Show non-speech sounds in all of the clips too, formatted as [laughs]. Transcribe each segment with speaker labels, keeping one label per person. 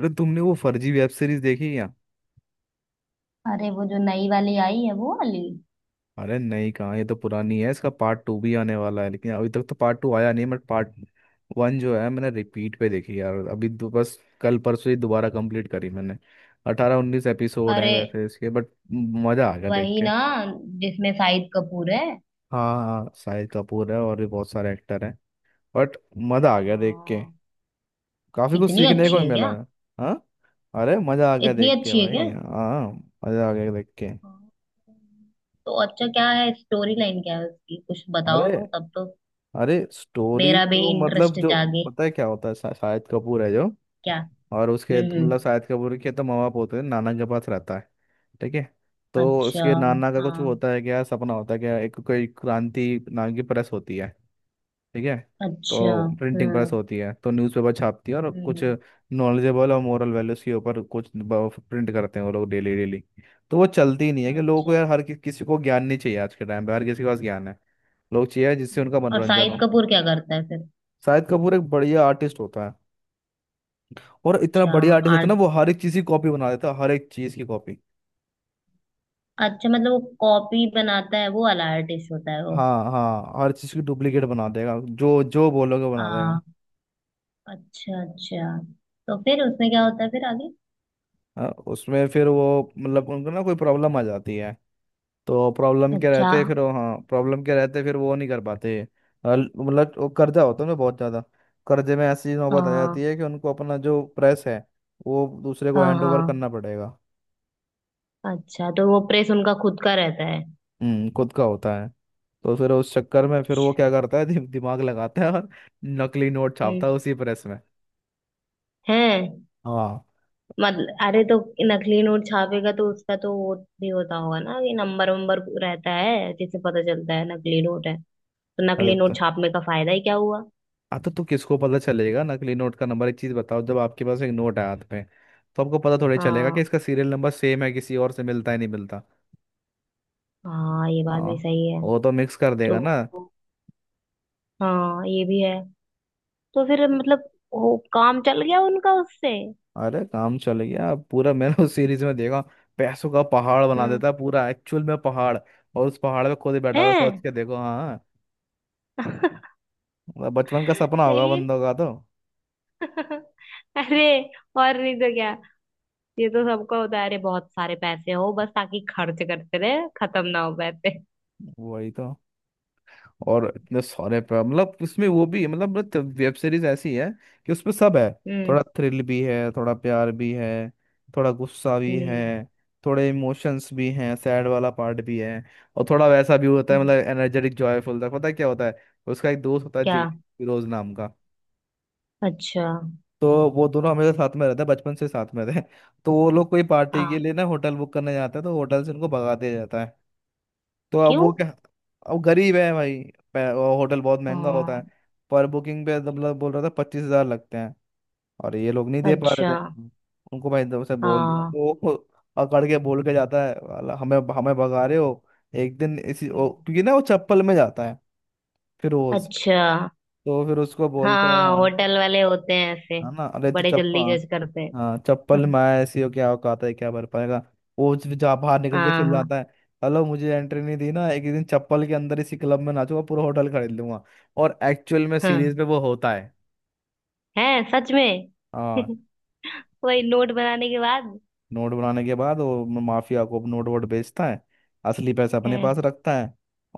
Speaker 1: अरे तुमने वो फर्जी वेब सीरीज देखी क्या?
Speaker 2: अरे वो जो नई वाली आई है, वो वाली।
Speaker 1: अरे नहीं, कहाँ, ये तो पुरानी है, इसका पार्ट टू भी आने वाला है, लेकिन अभी तक तो पार्ट टू आया नहीं, बट पार्ट वन जो है, मैंने रिपीट पे देखी यार, अभी दो बस कल परसों ही दोबारा कंप्लीट करी मैंने। 18-19 एपिसोड हैं
Speaker 2: अरे
Speaker 1: वेब सीरीज के, बट मज़ा आ गया देख
Speaker 2: वही
Speaker 1: के।
Speaker 2: ना, जिसमें शाहिद कपूर है।
Speaker 1: हाँ हाँ, शाहिद कपूर है और भी बहुत सारे एक्टर हैं। बट मज़ा आ गया देख के,
Speaker 2: हाँ।
Speaker 1: काफ़ी कुछ
Speaker 2: इतनी
Speaker 1: सीखने को भी
Speaker 2: अच्छी है
Speaker 1: मिला
Speaker 2: क्या?
Speaker 1: है। हाँ, अरे मज़ा आ गया
Speaker 2: इतनी
Speaker 1: देख के
Speaker 2: अच्छी है
Speaker 1: भाई।
Speaker 2: क्या?
Speaker 1: हाँ, मज़ा आ गया देख के।
Speaker 2: हाँ। तो अच्छा, क्या है स्टोरी लाइन, क्या है उसकी, कुछ बताओ
Speaker 1: अरे,
Speaker 2: तो, तब तो
Speaker 1: अरे स्टोरी
Speaker 2: मेरा भी
Speaker 1: तो मतलब
Speaker 2: इंटरेस्ट
Speaker 1: जो,
Speaker 2: जागे।
Speaker 1: पता है क्या होता है, शाहिद कपूर है जो,
Speaker 2: क्या?
Speaker 1: और उसके
Speaker 2: हम्म,
Speaker 1: मतलब
Speaker 2: हम्म।
Speaker 1: शाहिद कपूर के तो माँ बाप होते हैं, नाना के पास रहता है। ठीक है। तो
Speaker 2: अच्छा।
Speaker 1: उसके नाना का कुछ
Speaker 2: हाँ।
Speaker 1: होता है क्या, सपना होता है क्या, एक कोई क्रांति नाम की प्रेस होती है। ठीक है।
Speaker 2: अच्छा।
Speaker 1: तो प्रिंटिंग प्रेस
Speaker 2: हम्म,
Speaker 1: होती है, तो न्यूज़पेपर छापती है और कुछ
Speaker 2: हम्म।
Speaker 1: नॉलेजेबल और मोरल वैल्यूज के ऊपर कुछ प्रिंट करते हैं वो लोग डेली डेली। तो वो चलती ही नहीं है कि लोगों को
Speaker 2: अच्छा।
Speaker 1: यार, हर किसी को ज्ञान नहीं चाहिए, आज के टाइम पे हर किसी के पास ज्ञान है। लोग चाहिए जिससे उनका
Speaker 2: अच्छा। और
Speaker 1: मनोरंजन
Speaker 2: शाहिद
Speaker 1: हो।
Speaker 2: कपूर क्या करता है फिर?
Speaker 1: शाहिद कपूर एक बढ़िया आर्टिस्ट होता है, और इतना
Speaker 2: अच्छा।
Speaker 1: बढ़िया आर्टिस्ट होता है
Speaker 2: आर्ट।
Speaker 1: ना, वो हर एक चीज की कॉपी बना देता है, हर एक चीज की कॉपी।
Speaker 2: अच्छा, मतलब वो कॉपी बनाता है, वो वाला आर्टिस्ट होता है।
Speaker 1: हाँ हाँ, हर चीज की डुप्लीकेट बना देगा, जो जो बोलोगे बना देगा।
Speaker 2: वो। अच्छा, अच्छा। तो फिर उसमें क्या होता है फिर आगे?
Speaker 1: हाँ, उसमें फिर वो मतलब उनको ना कोई प्रॉब्लम आ जाती है, तो प्रॉब्लम के
Speaker 2: अच्छा।
Speaker 1: रहते फिर हाँ, प्रॉब्लम के रहते फिर वो नहीं कर पाते। मतलब वो कर्जा होता है ना बहुत ज्यादा, कर्जे में ऐसी नौबत आ जाती
Speaker 2: हाँ,
Speaker 1: है कि उनको अपना जो प्रेस है वो दूसरे को
Speaker 2: हाँ,
Speaker 1: हैंड ओवर
Speaker 2: हाँ।
Speaker 1: करना पड़ेगा।
Speaker 2: अच्छा, तो वो प्रेस उनका खुद का रहता है?
Speaker 1: हम्म, खुद का होता है। तो फिर उस चक्कर में फिर वो
Speaker 2: अच्छा।
Speaker 1: क्या करता है, दिमाग लगाता है और नकली नोट
Speaker 2: हम्म।
Speaker 1: छापता है उसी प्रेस में।
Speaker 2: है।
Speaker 1: हाँ,
Speaker 2: मतलब अरे तो नकली नोट छापेगा तो उसका तो वो भी होता होगा ना, कि नंबर वंबर रहता है जिससे पता चलता है नकली नोट है, तो
Speaker 1: अरे
Speaker 2: नकली
Speaker 1: तो
Speaker 2: नोट छापने का फायदा ही क्या हुआ?
Speaker 1: हाँ, तो किसको पता चलेगा नकली नोट का नंबर? एक चीज बताओ, जब आपके पास एक नोट है हाथ में, तो आपको पता थोड़ी चलेगा कि
Speaker 2: हाँ।
Speaker 1: इसका सीरियल नंबर सेम है किसी और से, मिलता है नहीं मिलता।
Speaker 2: हाँ, ये बात
Speaker 1: हाँ,
Speaker 2: भी सही है।
Speaker 1: वो तो मिक्स कर
Speaker 2: तो
Speaker 1: देगा ना।
Speaker 2: हाँ, ये भी है। तो फिर मतलब वो काम चल गया उनका उससे?
Speaker 1: अरे काम चल गया पूरा, मैंने उस सीरीज में देखा। पैसों का पहाड़ बना
Speaker 2: हम्म।
Speaker 1: देता है पूरा, एक्चुअल में पहाड़, और उस पहाड़ पे खुद ही बैठा था सोच
Speaker 2: है।
Speaker 1: के देखो, हाँ। मतलब बचपन का सपना होगा
Speaker 2: लेकिन
Speaker 1: बंदों का तो।
Speaker 2: [laughs] अरे, और नहीं तो क्या, ये तो सबका होता है, अरे बहुत सारे पैसे हो बस, ताकि खर्च करते रहे, खत्म ना हो पैसे।
Speaker 1: वही तो। और इतने सारे पे मतलब इसमें वो भी है, मतलब वेब सीरीज ऐसी है कि उसमें सब है। थोड़ा
Speaker 2: हम्म।
Speaker 1: थ्रिल भी है, थोड़ा प्यार भी है, थोड़ा गुस्सा भी है,
Speaker 2: हम्म।
Speaker 1: थोड़े इमोशंस भी हैं, सैड वाला पार्ट भी है, और थोड़ा वैसा भी होता है
Speaker 2: हम्म।
Speaker 1: मतलब एनर्जेटिक जॉयफुल तक, पता है क्या होता है? उसका एक दोस्त होता है
Speaker 2: क्या?
Speaker 1: फिरोज नाम का।
Speaker 2: अच्छा।
Speaker 1: तो वो दोनों हमेशा साथ में रहते हैं, बचपन से साथ में थे। तो वो लोग कोई पार्टी के
Speaker 2: हाँ।
Speaker 1: लिए ना होटल बुक करने जाते हैं, तो होटल से उनको भगा दिया जाता है। तो अब
Speaker 2: क्यों?
Speaker 1: वो क्या, अब गरीब है भाई, वो होटल बहुत महंगा होता
Speaker 2: हाँ।
Speaker 1: है, पर बुकिंग पे तो मतलब बोल रहा था 25,000 लगते हैं, और ये लोग नहीं दे पा रहे
Speaker 2: अच्छा।
Speaker 1: थे। हम्म। उनको भाई दो से बोल दिया,
Speaker 2: हाँ।
Speaker 1: तो वो अकड़ के बोल के जाता है, "वाला, हमें हमें भगा
Speaker 2: हम्म।
Speaker 1: रहे हो, एक दिन इसी
Speaker 2: हम्म।
Speaker 1: क्योंकि ना वो चप्पल में जाता है, फिरोज।
Speaker 2: अच्छा।
Speaker 1: तो फिर उसको बोलता है
Speaker 2: हाँ,
Speaker 1: हाँ,
Speaker 2: होटल वाले होते हैं ऐसे,
Speaker 1: है ना, अरे तू
Speaker 2: बड़े जल्दी
Speaker 1: चप्पल,
Speaker 2: जज करते हैं।
Speaker 1: हाँ चप्पल में
Speaker 2: [laughs]
Speaker 1: आया, ऐसी हो, क्या औकात है, क्या भर पाएगा। वो जा बाहर निकल के
Speaker 2: हाँ, हाँ,
Speaker 1: चिल्लाता है, हेलो, मुझे एंट्री नहीं दी ना, एक दिन चप्पल के अंदर इसी क्लब में नाचूंगा, पूरा होटल खरीद लूंगा। और एक्चुअल में सीरीज
Speaker 2: हाँ।
Speaker 1: में वो होता है।
Speaker 2: है सच में।
Speaker 1: हाँ।
Speaker 2: [laughs] वही, नोट बनाने के बाद।
Speaker 1: नोट बनाने के बाद वो माफिया को नोट वोट बेचता है, असली पैसा अपने
Speaker 2: है।
Speaker 1: पास रखता है।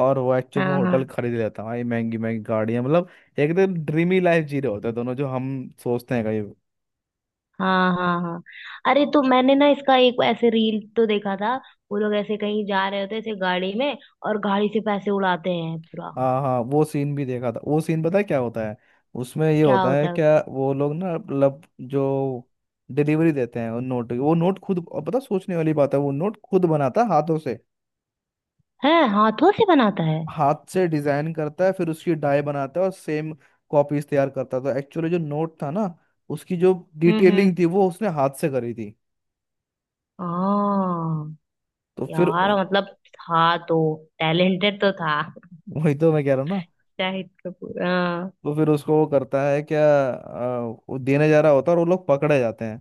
Speaker 1: और वो एक्चुअल में
Speaker 2: हाँ,
Speaker 1: होटल
Speaker 2: हाँ,
Speaker 1: खरीद लेता है भाई, महंगी महंगी गाड़ियाँ, मतलब एकदम ड्रीमी लाइफ जी रहे होते हैं दोनों, जो हम सोचते हैं।
Speaker 2: हाँ, हाँ, हाँ। अरे तो मैंने ना इसका एक ऐसे रील तो देखा था, वो लोग ऐसे कहीं जा रहे होते हैं ऐसे गाड़ी में, और गाड़ी से पैसे उड़ाते हैं पूरा।
Speaker 1: हाँ हाँ, वो सीन भी देखा था, वो सीन पता है क्या होता है? उसमें ये
Speaker 2: क्या
Speaker 1: होता है
Speaker 2: होता है
Speaker 1: क्या, वो लोग ना मतलब जो डिलीवरी देते हैं उन नोट की, वो नोट खुद, और पता, सोचने वाली बात है, वो नोट खुद बनाता है हाथों से,
Speaker 2: हैं, हाथों से बनाता है?
Speaker 1: हाथ से डिजाइन करता है, फिर उसकी डाई बनाता है और सेम कॉपीज तैयार करता था। एक्चुअली जो नोट था ना, उसकी जो
Speaker 2: हम्म,
Speaker 1: डिटेलिंग
Speaker 2: हम्म।
Speaker 1: थी वो उसने हाथ से करी थी।
Speaker 2: हाँ।
Speaker 1: तो फिर,
Speaker 2: यार, मतलब था तो टैलेंटेड तो था,
Speaker 1: वही तो मैं कह रहा हूँ ना।
Speaker 2: शाहिद कपूर, हाँ।
Speaker 1: तो फिर उसको वो करता है क्या, वो देने जा रहा होता है और वो लोग पकड़े जाते हैं,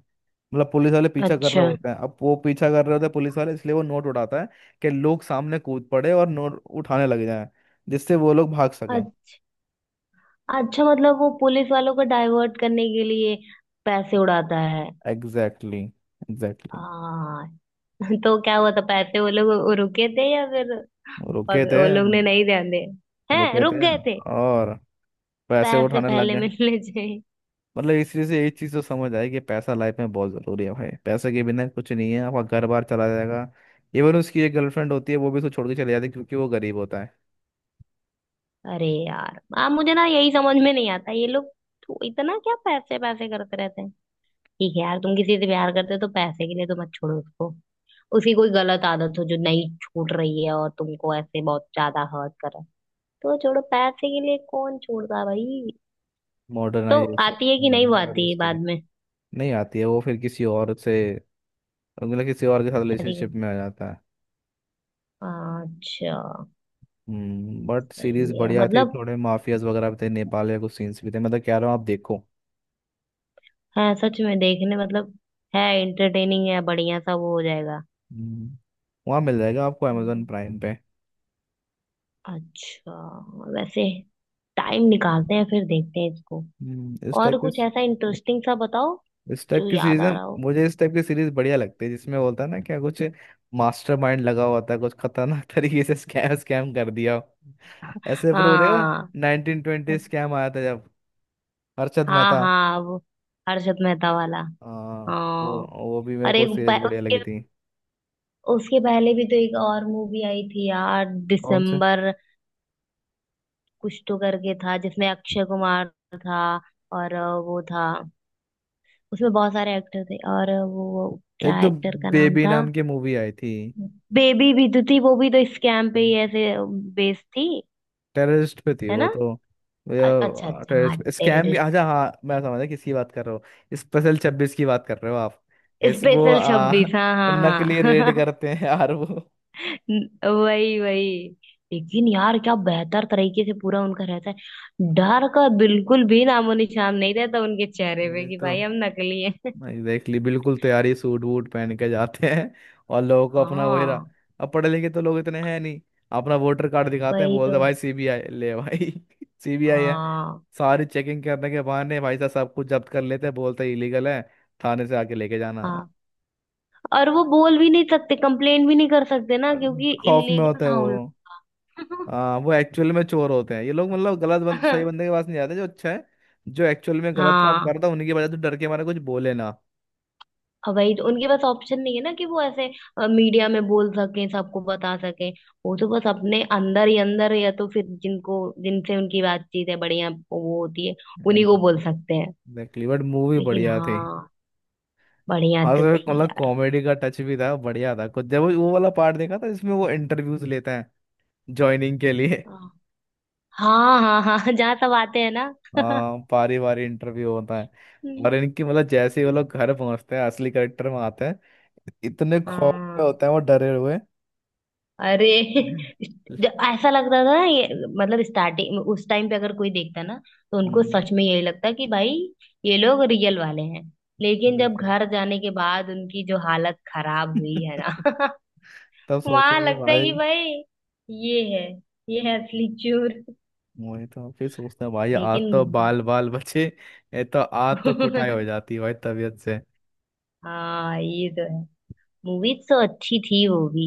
Speaker 1: मतलब पुलिस वाले पीछा कर रहे
Speaker 2: अच्छा।
Speaker 1: होते हैं, अब वो पीछा कर रहे होते हैं पुलिस वाले, इसलिए वो नोट उठाता है कि लोग सामने कूद पड़े और नोट उठाने लग जाएं, जिससे वो लोग भाग सकें।
Speaker 2: अ- अच्छा, मतलब वो पुलिस वालों को डाइवर्ट करने के लिए पैसे उड़ाता है।
Speaker 1: एग्जैक्टली exactly,
Speaker 2: आ,
Speaker 1: एग्जैक्टली
Speaker 2: तो क्या हुआ था, पैसे वो लोग रुके थे या फिर?
Speaker 1: exactly. रुके थे,
Speaker 2: वो लोग ने नहीं ध्यान दिया, हैं
Speaker 1: रुके
Speaker 2: रुक
Speaker 1: थे,
Speaker 2: गए थे?
Speaker 1: और पैसे
Speaker 2: पैसे
Speaker 1: उठाने लग
Speaker 2: पहले
Speaker 1: गए।
Speaker 2: मिलने [laughs] चाहिए।
Speaker 1: मतलब इसी से एक चीज़ तो समझ आई कि पैसा लाइफ में बहुत ज़रूरी है भाई, पैसे के बिना कुछ नहीं है, आपका घर बार चला जाएगा। इवन उसकी एक गर्लफ्रेंड होती है, वो भी उसको छोड़ के चले जाती है क्योंकि वो गरीब होता है।
Speaker 2: अरे यार मुझे ना यही समझ में नहीं आता, ये लोग तो इतना क्या पैसे पैसे करते रहते हैं। ठीक है यार, तुम किसी से प्यार करते हो तो पैसे के लिए तो मत छोड़ो उसको। उसकी कोई गलत आदत हो जो नहीं छूट रही है और तुमको ऐसे बहुत ज्यादा हर्ट कर रहा है तो छोड़ो, पैसे के लिए कौन छोड़ता है भाई। तो
Speaker 1: मॉडर्नाइजेशन
Speaker 2: आती है कि
Speaker 1: भाई,
Speaker 2: नहीं, वो आती है
Speaker 1: मॉडर्निस्टिक
Speaker 2: बाद
Speaker 1: है।
Speaker 2: में?
Speaker 1: नहीं आती है, वो फिर किसी और से मतलब किसी और के साथ
Speaker 2: शादी के?
Speaker 1: रिलेशनशिप में आ जाता है।
Speaker 2: अच्छा।
Speaker 1: हम्म, बट सीरीज
Speaker 2: सही है,
Speaker 1: बढ़िया थी,
Speaker 2: मतलब
Speaker 1: थोड़े माफियाज वगैरह भी थे, नेपाल के कुछ सीन्स भी थे, मैं तो कह रहा हूँ आप देखो।
Speaker 2: है सच में देखने, मतलब है, एंटरटेनिंग है, बढ़िया सा वो हो जाएगा।
Speaker 1: हम्म, वहाँ मिल जाएगा आपको अमेजोन
Speaker 2: हम्म।
Speaker 1: प्राइम पे।
Speaker 2: अच्छा। वैसे टाइम निकालते हैं फिर, देखते हैं इसको।
Speaker 1: हम्म, इस टाइप
Speaker 2: और
Speaker 1: के
Speaker 2: कुछ ऐसा इंटरेस्टिंग सा बताओ,
Speaker 1: इस टाइप
Speaker 2: जो
Speaker 1: की
Speaker 2: याद
Speaker 1: सीरीज है।
Speaker 2: आ रहा हो।
Speaker 1: मुझे इस टाइप की सीरीज बढ़िया लगती है, जिसमें बोलता है ना क्या, कुछ मास्टरमाइंड लगा हुआ था, कुछ खतरनाक [laughs] तरीके से स्कैम स्कैम कर दिया हो। ऐसे फिर वो देखा था,
Speaker 2: हाँ,
Speaker 1: 1920 स्कैम आया था जब, हर्षद
Speaker 2: हाँ,
Speaker 1: मेहता।
Speaker 2: हाँ। वो हर्षद मेहता वाला।
Speaker 1: हाँ, वो
Speaker 2: हाँ।
Speaker 1: वो भी मेरे
Speaker 2: और
Speaker 1: को
Speaker 2: एक
Speaker 1: सीरीज बढ़िया
Speaker 2: उसके,
Speaker 1: लगी थी।
Speaker 2: उसके पहले भी तो एक और मूवी आई थी यार,
Speaker 1: कौन से?
Speaker 2: दिसंबर, कुछ तो करके था, जिसमें अक्षय कुमार था। और वो था, उसमें बहुत सारे एक्टर थे, और वो
Speaker 1: एक
Speaker 2: क्या
Speaker 1: तो
Speaker 2: एक्टर का नाम
Speaker 1: बेबी
Speaker 2: था?
Speaker 1: नाम की मूवी आई थी।
Speaker 2: बेबी भी तो थी, वो भी तो स्कैम पे ही ऐसे बेस्ड थी।
Speaker 1: टेररिस्ट पे थी
Speaker 2: है
Speaker 1: वो
Speaker 2: ना।
Speaker 1: तो।
Speaker 2: अच्छा, अच्छा, हाँ
Speaker 1: टेररिस्ट स्कैम,
Speaker 2: टेररिस्ट।
Speaker 1: अच्छा हाँ, मैं समझा किसकी बात कर रहे हो, स्पेशल 26 की बात कर रहे हो आप। ऐसे वो
Speaker 2: स्पेशल 26, हाँ,
Speaker 1: नकली
Speaker 2: हाँ,
Speaker 1: रेड
Speaker 2: हाँ।
Speaker 1: करते हैं यार वो।
Speaker 2: [laughs] वही, वही, लेकिन यार क्या बेहतर तरीके से पूरा उनका रहता है, डर का बिल्कुल भी नामो निशान नहीं रहता उनके चेहरे पे
Speaker 1: अरे
Speaker 2: कि
Speaker 1: तो
Speaker 2: भाई हम नकली हैं।
Speaker 1: एग्जैक्टली, बिल्कुल तैयारी सूट वूट पहन के जाते हैं, और लोगों
Speaker 2: [laughs]
Speaker 1: को अपना वही रहा,
Speaker 2: हाँ।
Speaker 1: अब पढ़े लिखे तो लोग इतने हैं नहीं, अपना वोटर कार्ड दिखाते हैं,
Speaker 2: वही
Speaker 1: बोलते
Speaker 2: तो।
Speaker 1: हैं, भाई सीबीआई ले भाई। [laughs] सीबीआई
Speaker 2: हाँ।
Speaker 1: सारी चेकिंग करने के बहाने भाई साहब सब कुछ जब्त कर लेते हैं, बोलते इलीगल है, थाने से आके लेके जाना।
Speaker 2: हाँ, और वो बोल भी नहीं सकते, कंप्लेन भी नहीं कर सकते ना, क्योंकि
Speaker 1: खौफ में
Speaker 2: इलीगल
Speaker 1: होते हैं
Speaker 2: था
Speaker 1: वो।
Speaker 2: उन लोग
Speaker 1: हाँ, वो एक्चुअल में चोर होते हैं ये लोग, मतलब
Speaker 2: का।
Speaker 1: सही
Speaker 2: [laughs]
Speaker 1: बंदे के पास नहीं जाते जो अच्छा है, जो एक्चुअल में गलत काम
Speaker 2: हाँ।
Speaker 1: करता है उन्हीं के बजाय, तो डर के मारे कुछ बोले ना।
Speaker 2: अब वही तो, उनके पास ऑप्शन नहीं है ना कि वो ऐसे मीडिया में बोल सकें, सबको बता सकें। वो तो बस अपने अंदर ही अंदर, या तो फिर जिनको, जिनसे उनकी बातचीत है बढ़िया वो होती है, उन्हीं को बोल
Speaker 1: एग्जैक्टली,
Speaker 2: सकते हैं।
Speaker 1: बट मूवी
Speaker 2: लेकिन
Speaker 1: बढ़िया थी।
Speaker 2: हाँ, बढ़िया
Speaker 1: हाँ
Speaker 2: तो
Speaker 1: सर,
Speaker 2: थी
Speaker 1: मतलब
Speaker 2: यार।
Speaker 1: कॉमेडी का टच भी था, बढ़िया था कुछ, जब वो वाला पार्ट देखा था, इसमें वो इंटरव्यूज लेते हैं ज्वाइनिंग के लिए।
Speaker 2: हाँ, हाँ, हाँ, हाँ, जहाँ सब आते हैं ना। [laughs]
Speaker 1: हाँ बारी बारी इंटरव्यू होता है, और
Speaker 2: हम्म।
Speaker 1: इनकी मतलब जैसे ही वो लोग घर पहुंचते हैं असली करेक्टर में आते हैं, इतने खौफ में
Speaker 2: हाँ,
Speaker 1: होते हैं वो, डरे हुए।
Speaker 2: अरे [laughs] जो ऐसा लगता था ना ये, मतलब स्टार्टिंग उस टाइम पे अगर कोई देखता ना, तो उनको
Speaker 1: हम्म,
Speaker 2: सच में यही लगता कि भाई ये लोग रियल वाले हैं। लेकिन जब
Speaker 1: बिल्कुल।
Speaker 2: घर जाने के बाद उनकी जो हालत खराब हुई है ना।
Speaker 1: [laughs] तब
Speaker 2: [laughs]
Speaker 1: सोचते
Speaker 2: वहां
Speaker 1: थे
Speaker 2: लगता है कि
Speaker 1: भाई,
Speaker 2: भाई ये है, ये है असली चोर।
Speaker 1: वही तो, फिर सोचते हैं भाई, आज
Speaker 2: लेकिन
Speaker 1: तो बाल बाल बचे, ये तो आज तो कुटाई हो
Speaker 2: [laughs]
Speaker 1: जाती भाई तबीयत से।
Speaker 2: हाँ, ये तो है। मूवीज तो अच्छी थी वो भी,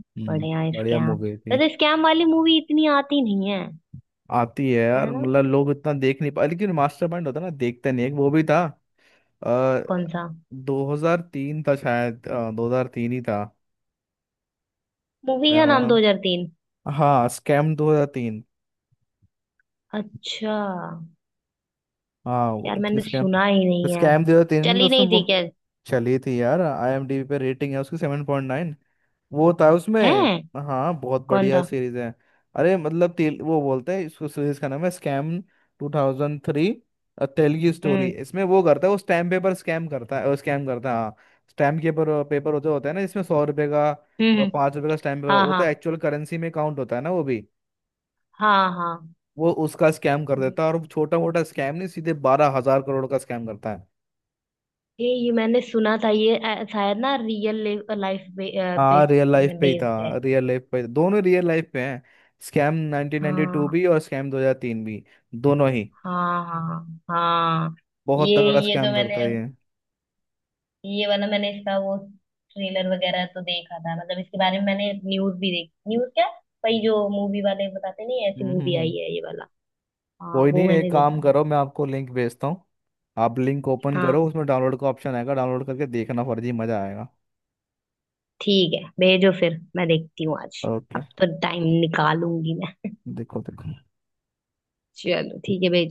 Speaker 1: हम्म,
Speaker 2: बढ़िया
Speaker 1: बढ़िया
Speaker 2: स्कैम।
Speaker 1: मूवी थी।
Speaker 2: वैसे स्कैम वाली मूवी इतनी आती नहीं है।
Speaker 1: आती है
Speaker 2: है
Speaker 1: यार,
Speaker 2: ना।
Speaker 1: मतलब लोग इतना देख नहीं पा, लेकिन मास्टरमाइंड होता है ना, देखते नहीं, एक वो भी था। अ,
Speaker 2: कौन सा?
Speaker 1: 2003 था शायद, 2003 ही था,
Speaker 2: मूवी
Speaker 1: मैं
Speaker 2: का नाम
Speaker 1: वहाँ,
Speaker 2: 2003?
Speaker 1: हाँ स्कैम 2003।
Speaker 2: अच्छा।
Speaker 1: हाँ वो
Speaker 2: यार मैंने
Speaker 1: स्कैम,
Speaker 2: सुना ही नहीं है।
Speaker 1: 2003 में
Speaker 2: चली
Speaker 1: उसमें
Speaker 2: नहीं
Speaker 1: वो,
Speaker 2: थी क्या?
Speaker 1: चली थी यार, आईएमडीबी पे रेटिंग है उसकी 7.9। वो था
Speaker 2: है।
Speaker 1: उसमें, हाँ, बहुत
Speaker 2: कौन
Speaker 1: बढ़िया
Speaker 2: था?
Speaker 1: सीरीज है। अरे मतलब तेल, वो बोलते हैं इसको, सीरीज का नाम है स्कैम 2003, तेलगी स्टोरी,
Speaker 2: हम्म,
Speaker 1: इसमें वो करता है वो स्टैम्प पेपर स्कैम करता है हाँ। स्टैम्प पेपर पेपर होते होता है ना, इसमें 100 रुपए का
Speaker 2: हम्म,
Speaker 1: और
Speaker 2: हम्म।
Speaker 1: 5 रुपए का स्टैम्प पेपर
Speaker 2: हाँ,
Speaker 1: वो तो
Speaker 2: हाँ,
Speaker 1: एक्चुअल करेंसी में काउंट होता है ना वो भी।
Speaker 2: हाँ, हाँ।
Speaker 1: वो उसका स्कैम कर देता
Speaker 2: हम्म।
Speaker 1: है, और छोटा मोटा स्कैम नहीं, सीधे 12,000 करोड़ का स्कैम करता है।
Speaker 2: ये मैंने सुना था, ये शायद ना, रियल लाइफ।
Speaker 1: हाँ
Speaker 2: बेस
Speaker 1: रियल लाइफ पे ही
Speaker 2: बेस्ड
Speaker 1: था,
Speaker 2: है।
Speaker 1: रियल लाइफ पे दोनों रियल लाइफ पे हैं, स्कैम 1992
Speaker 2: हाँ,
Speaker 1: भी और स्कैम 2003 भी, दोनों ही
Speaker 2: हाँ, हाँ, हाँ।
Speaker 1: बहुत
Speaker 2: ये
Speaker 1: तगड़ा
Speaker 2: ये तो
Speaker 1: स्कैम करता
Speaker 2: मैंने,
Speaker 1: है ये।
Speaker 2: ये वाला मैंने इसका वो ट्रेलर वगैरह तो देखा था, मतलब इसके बारे में मैंने न्यूज भी देखी, न्यूज क्या, वही जो मूवी वाले बताते नहीं,
Speaker 1: हम्म
Speaker 2: ऐसी
Speaker 1: हम्म
Speaker 2: मूवी आई
Speaker 1: हम्म।
Speaker 2: है ये वाला। हाँ,
Speaker 1: कोई नहीं,
Speaker 2: वो
Speaker 1: एक
Speaker 2: मैंने देखा
Speaker 1: काम
Speaker 2: था।
Speaker 1: करो, मैं आपको लिंक भेजता हूँ, आप लिंक ओपन करो,
Speaker 2: हाँ।
Speaker 1: उसमें डाउनलोड का ऑप्शन आएगा, डाउनलोड करके देखना, फर्जी मजा आएगा।
Speaker 2: ठीक है, भेजो फिर मैं देखती हूँ आज।
Speaker 1: ओके,
Speaker 2: अब तो टाइम निकालूंगी मैं।
Speaker 1: देखो देखो।
Speaker 2: चलो ठीक है, भेजो।